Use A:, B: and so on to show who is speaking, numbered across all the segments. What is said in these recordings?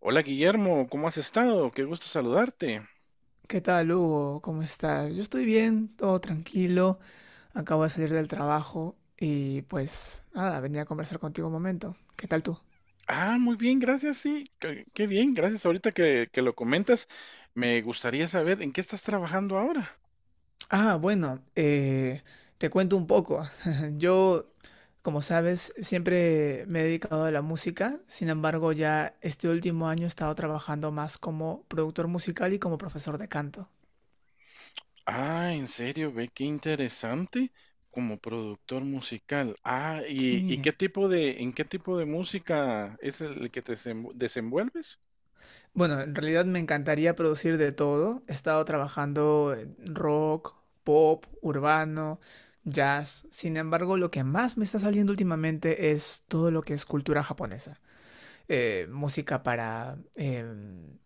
A: Hola Guillermo, ¿cómo has estado? Qué gusto saludarte.
B: ¿Qué tal, Hugo? ¿Cómo estás? Yo estoy bien, todo tranquilo. Acabo de salir del trabajo y pues nada, venía a conversar contigo un momento. ¿Qué tal tú?
A: Ah, muy bien, gracias, sí, qué bien, gracias. Ahorita que lo comentas, me gustaría saber en qué estás trabajando ahora.
B: Ah, bueno, te cuento un poco. Yo, como sabes, siempre me he dedicado a la música. Sin embargo, ya este último año he estado trabajando más como productor musical y como profesor de canto.
A: Ah, en serio, ve qué interesante como productor musical. Ah, y
B: Sí.
A: qué tipo de, ¿en qué tipo de música es el que te desenvuelves?
B: Bueno, en realidad me encantaría producir de todo. He estado trabajando en rock, pop, urbano, jazz. Sin embargo, lo que más me está saliendo últimamente es todo lo que es cultura japonesa. Música para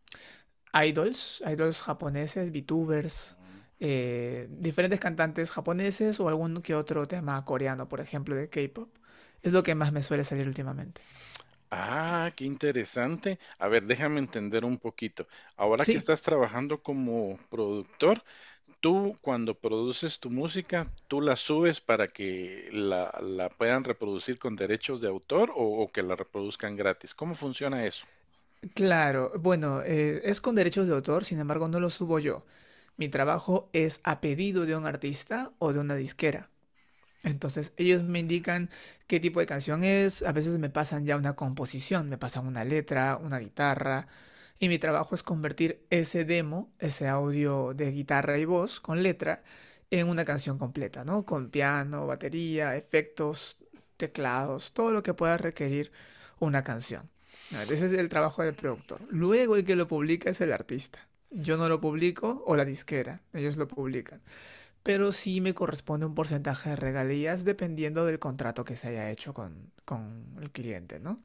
B: idols, idols japoneses, VTubers,
A: Mm.
B: diferentes cantantes japoneses o algún que otro tema coreano, por ejemplo, de K-pop. Es lo que más me suele salir últimamente.
A: Ah, qué interesante. A ver, déjame entender un poquito. Ahora que
B: Sí.
A: estás trabajando como productor, tú, cuando produces tu música, ¿tú la subes para que la puedan reproducir con derechos de autor o que la reproduzcan gratis? ¿Cómo funciona eso?
B: Claro, bueno, es con derechos de autor, sin embargo, no lo subo yo. Mi trabajo es a pedido de un artista o de una disquera. Entonces ellos me indican qué tipo de canción es, a veces me pasan ya una composición, me pasan una letra, una guitarra, y mi trabajo es convertir ese demo, ese audio de guitarra y voz con letra, en una canción completa, ¿no? Con piano, batería, efectos, teclados, todo lo que pueda requerir una canción. Ese es el trabajo del productor. Luego el que lo publica es el artista. Yo no lo publico o la disquera, ellos lo publican pero sí me corresponde un porcentaje de regalías dependiendo del contrato que se haya hecho con el cliente, ¿no?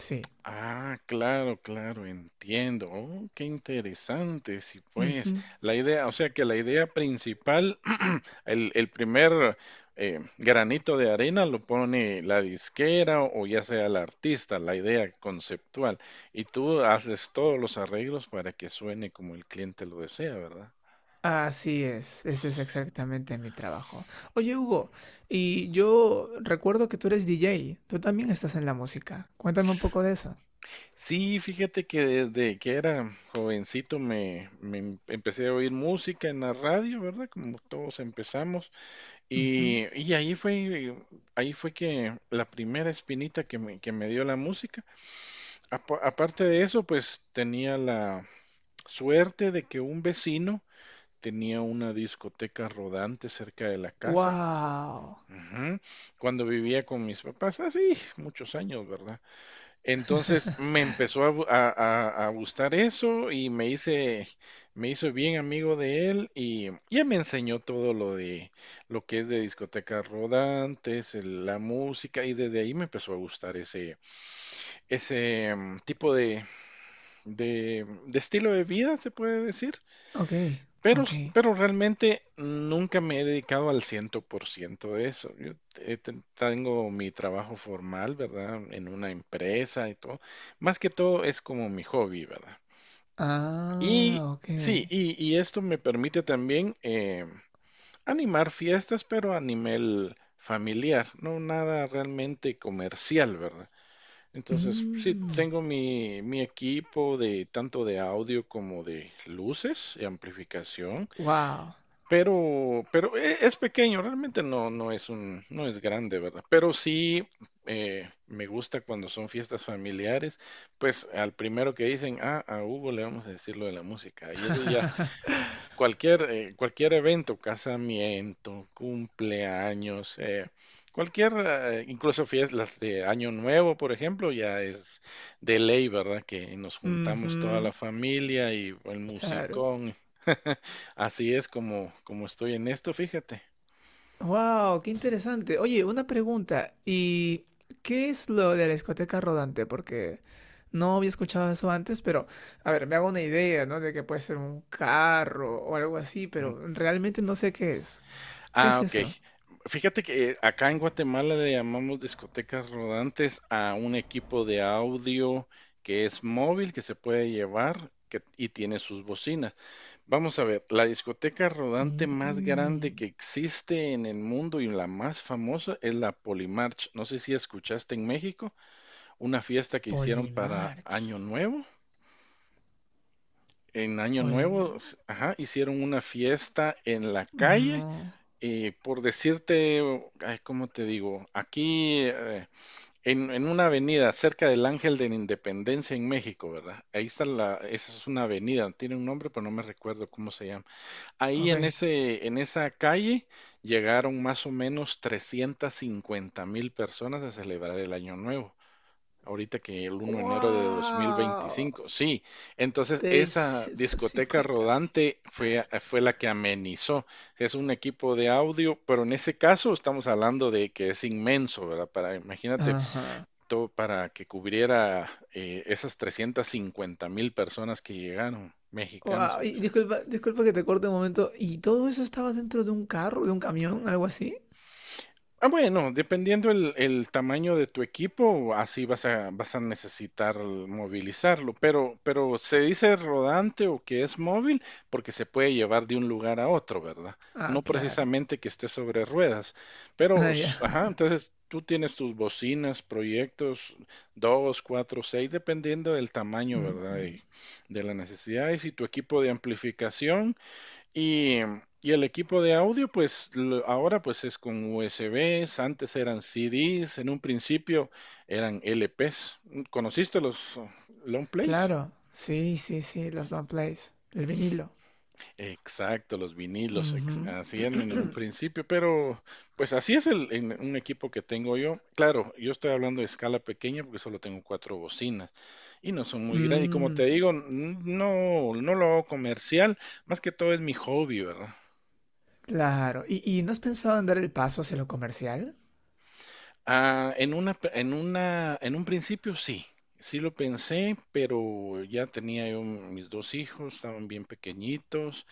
B: Sí.
A: Ah, claro, claro, entiendo. Oh, qué interesante. Sí, pues,
B: Ujú.
A: la idea, o sea que la idea principal, el primer granito de arena lo pone la disquera o ya sea el artista, la idea conceptual. Y tú haces todos los arreglos para que suene como el cliente lo desea, ¿verdad?
B: Así es, ese es exactamente mi trabajo. Oye, Hugo, y yo recuerdo que tú eres DJ, tú también estás en la música. Cuéntame un poco de eso.
A: Sí, fíjate que desde que era jovencito empecé a oír música en la radio, ¿verdad? Como todos empezamos.
B: Ujú.
A: Y ahí fue que la primera espinita que me dio la música. Aparte de eso, pues tenía la suerte de que un vecino tenía una discoteca rodante cerca de la casa.
B: Wow.
A: Ujú. Cuando vivía con mis papás, así, muchos años, ¿verdad? Entonces me empezó a, gu- a gustar eso y me hizo bien amigo de él y ya me enseñó todo lo de lo que es de discotecas rodantes, la música y desde ahí me empezó a gustar ese, ese tipo de estilo de vida, se puede decir.
B: Ok,
A: Pero,
B: ok.
A: pero realmente nunca me he dedicado al 100% de eso. Yo tengo mi trabajo formal, ¿verdad? En una empresa y todo. Más que todo es como mi hobby, ¿verdad? Y
B: Ah, ok.
A: sí, y esto me permite también animar fiestas, pero a nivel familiar, no nada realmente comercial, ¿verdad? Entonces, sí,
B: Mm,
A: tengo mi equipo de tanto de audio como de luces y amplificación.
B: wow.
A: Pero es pequeño, realmente no es grande, ¿verdad? Pero sí me gusta cuando son fiestas familiares, pues al primero que dicen, ah, a Hugo le vamos a decir lo de la música. Y es de ya cualquier evento, casamiento, cumpleaños, incluso fiestas de Año Nuevo, por ejemplo, ya es de ley, ¿verdad? Que nos juntamos toda
B: Ujú,
A: la familia y el
B: claro.
A: musicón. Así es como estoy en esto, fíjate.
B: Wow, qué interesante. Oye, una pregunta. ¿Y qué es lo de la discoteca rodante? Porque no había escuchado eso antes, pero a ver, me hago una idea, ¿no? De que puede ser un carro o algo así, pero realmente no sé qué es. ¿Qué
A: Ah,
B: es
A: ok.
B: eso?
A: Fíjate que acá en Guatemala le llamamos discotecas rodantes a un equipo de audio que es móvil, que se puede llevar y tiene sus bocinas. Vamos a ver, la discoteca rodante más grande
B: Mm,
A: que existe en el mundo y la más famosa es la Polimarch. No sé si escuchaste en México una fiesta que hicieron para
B: Polymarch.
A: Año Nuevo. En Año
B: Pol...
A: Nuevo, ajá, hicieron una fiesta en la calle
B: No.
A: y por decirte, ay, ¿cómo te digo? Aquí en una avenida cerca del Ángel de la Independencia en México, ¿verdad? Ahí está esa es una avenida, tiene un nombre, pero no me recuerdo cómo se llama. Ahí
B: Ok.
A: en esa calle llegaron más o menos 350 mil personas a celebrar el Año Nuevo. Ahorita que el 1 de enero de
B: ¡Wow!
A: 2025, sí. Entonces, esa
B: Trescientos
A: discoteca
B: cincuenta mil.
A: rodante fue la que amenizó. Es un equipo de audio, pero en ese caso estamos hablando de que es inmenso, ¿verdad? Para, imagínate, todo para que cubriera esas 350 mil personas que llegaron, mexicanos.
B: Guau, y disculpa, disculpa que te corte un momento. ¿Y todo eso estaba dentro de un carro, de un camión, algo así?
A: Ah, bueno, dependiendo el tamaño de tu equipo, así vas a necesitar movilizarlo, pero se dice rodante o que es móvil porque se puede llevar de un lugar a otro, ¿verdad? No
B: Ah, claro.
A: precisamente que esté sobre ruedas, pero,
B: Ah, ya.
A: ajá, entonces tú tienes tus bocinas, proyectos, dos, cuatro, seis, dependiendo del tamaño,
B: Mm,
A: ¿verdad?
B: mm.
A: Y de la necesidad. Y si tu equipo de amplificación... Y, y el equipo de audio, pues ahora pues es con USBs, antes eran CDs, en un principio eran LPs. ¿Conociste los long plays?
B: Claro. Sí, sí, sí, los long plays. El vinilo.
A: Exacto, los vinilos,
B: Ujú.
A: así eran en un principio, pero pues así es en un equipo que tengo yo. Claro, yo estoy hablando de escala pequeña porque solo tengo cuatro bocinas y no son muy grandes. Y como te
B: Mm,
A: digo, no lo hago comercial, más que todo es mi hobby, ¿verdad?
B: claro. ¿Y no has pensado en dar el paso hacia lo comercial?
A: Ah, en una, pe- en una, en un principio sí, sí lo pensé, pero ya tenía yo mis dos hijos, estaban bien pequeñitos,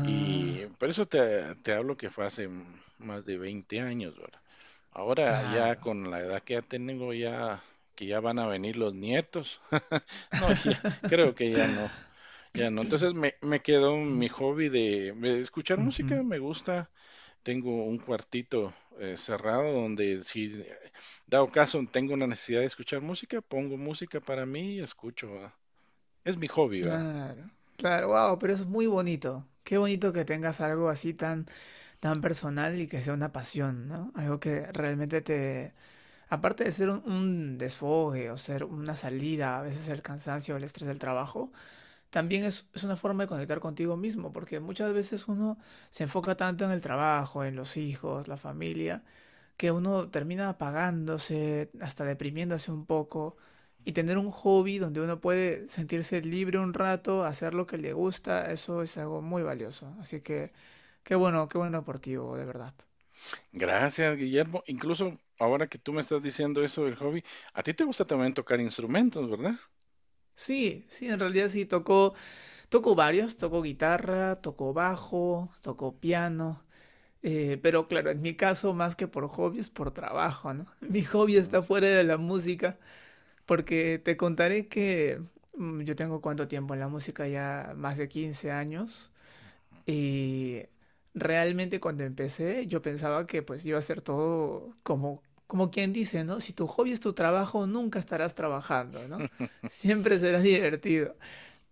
A: y por eso te hablo que fue hace más de 20 años, ¿verdad? Ahora ya
B: claro.
A: con la edad que ya tengo, ya que ya van a venir los nietos, no, ya, creo que ya no, ya no. Entonces me quedó
B: Mm,
A: mi hobby de escuchar
B: ujú.
A: música, me gusta, tengo un cuartito cerrado donde si dado caso tengo una necesidad de escuchar música, pongo música para mí y escucho, ¿va? Es mi hobby, ¿va?
B: Claro. Claro, wow, pero es muy bonito. Qué bonito que tengas algo así tan tan personal y que sea una pasión, ¿no? Algo que realmente te, aparte de ser un desfogue o ser una salida, a veces el cansancio, el estrés del trabajo, también es una forma de conectar contigo mismo, porque muchas veces uno se enfoca tanto en el trabajo, en los hijos, la familia, que uno termina apagándose, hasta deprimiéndose un poco, y tener un hobby donde uno puede sentirse libre un rato, hacer lo que le gusta, eso es algo muy valioso. Así que qué bueno por ti, Hugo, de verdad.
A: Gracias, Guillermo. Incluso ahora que tú me estás diciendo eso del hobby, a ti te gusta también tocar instrumentos, ¿verdad?
B: Sí, sí, en realidad sí, tocó, varios, tocó guitarra, tocó bajo, tocó piano, pero claro, en mi caso más que por hobby es por trabajo, ¿no? Mi hobby está
A: Mm,
B: fuera de la música. Porque te contaré que yo tengo cuánto tiempo en la música, ya más de 15 años, y realmente cuando empecé yo pensaba que pues iba a ser todo como, como quien dice, ¿no? Si tu hobby es tu trabajo, nunca estarás trabajando, ¿no? Siempre será divertido.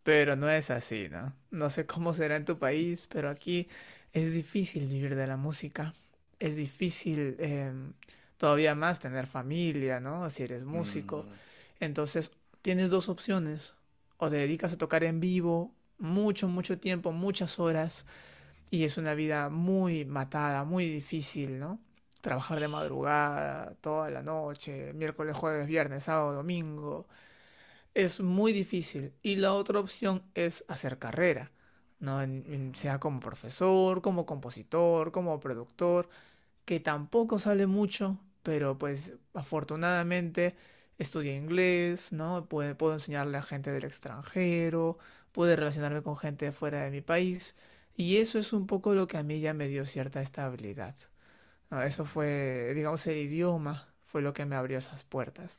B: Pero no es así, ¿no? No sé cómo será en tu país, pero aquí es difícil vivir de la música. Es difícil todavía más tener familia, ¿no? Si eres músico.
A: mm,
B: Entonces, tienes dos opciones. O te dedicas a tocar en vivo mucho, mucho tiempo, muchas horas, y es una vida muy matada, muy difícil, ¿no? Trabajar de
A: sí,
B: madrugada, toda la noche, miércoles, jueves, viernes, sábado, domingo es muy difícil. Y la otra opción es hacer carrera, ¿no? Sea como profesor, como compositor, como productor, que tampoco sale mucho, pero pues afortunadamente estudié inglés, ¿no? Puedo, puedo enseñarle a gente del extranjero, puedo relacionarme con gente de fuera de mi país. Y eso es un poco lo que a mí ya me dio cierta estabilidad. ¿No? Eso
A: mm.
B: fue, digamos, el idioma fue lo que me abrió esas puertas.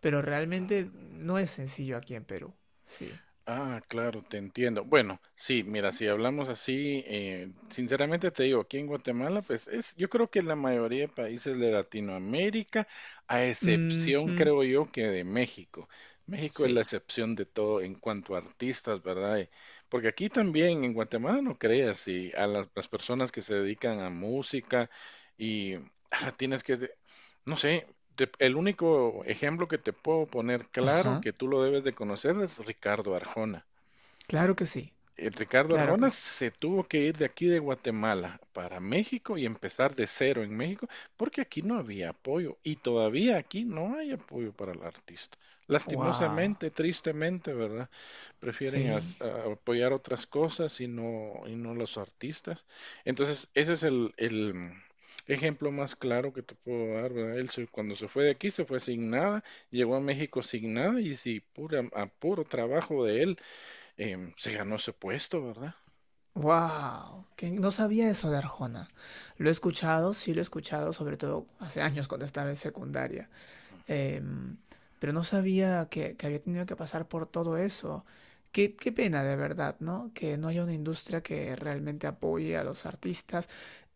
B: Pero realmente no es sencillo aquí en Perú. Sí.
A: Ah, claro, te entiendo. Bueno, sí, mira, si hablamos así, sinceramente te digo, aquí en Guatemala, pues es, yo creo que la mayoría de países de Latinoamérica, a excepción,
B: Ujú,
A: creo yo, que de México. México es la
B: sí.
A: excepción de todo en cuanto a artistas, ¿verdad? Porque aquí también, en Guatemala, no creas, y a las personas que se dedican a música y tienes que, no sé, el único ejemplo que te puedo poner claro
B: Ajá.
A: que tú lo debes de conocer es Ricardo Arjona.
B: Claro que sí.
A: Ricardo
B: Claro
A: Arjona
B: que sí.
A: se tuvo que ir de aquí de Guatemala para México y empezar de cero en México porque aquí no había apoyo y todavía aquí no hay apoyo para el artista.
B: Wow.
A: Lastimosamente, tristemente, ¿verdad? Prefieren
B: Sí.
A: apoyar otras cosas y no los artistas. Entonces, ese es el ejemplo más claro que te puedo dar, ¿verdad? Él cuando se fue de aquí se fue sin nada, llegó a México sin nada y si pura, a puro trabajo de él se ganó ese puesto, ¿verdad?
B: Wow. Que no sabía eso de Arjona. Lo he escuchado, sí lo he escuchado, sobre todo hace años cuando estaba en secundaria. Em, pero no sabía que había tenido que pasar por todo eso. Qué, qué pena de verdad, ¿no? Que no haya una industria que realmente apoye a los artistas.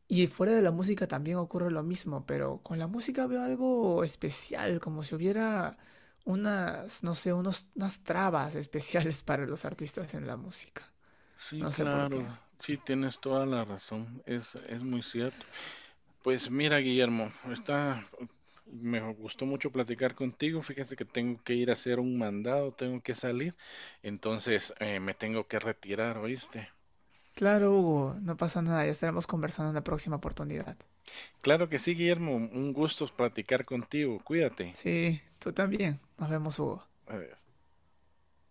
B: Y fuera de la música también ocurre lo mismo, pero con la música veo algo especial, como si hubiera unas, no sé, unos, unas trabas especiales para los artistas en la música.
A: Sí,
B: No sé por qué.
A: claro, sí, tienes toda la razón, es muy cierto. Pues mira, Guillermo, me gustó mucho platicar contigo, fíjate que tengo que ir a hacer un mandado, tengo que salir, entonces me tengo que retirar, ¿oíste?
B: Claro, Hugo, no pasa nada, ya estaremos conversando en la próxima oportunidad.
A: Claro que sí, Guillermo, un gusto platicar contigo, cuídate.
B: Sí, tú también. Nos vemos, Hugo.
A: Adiós.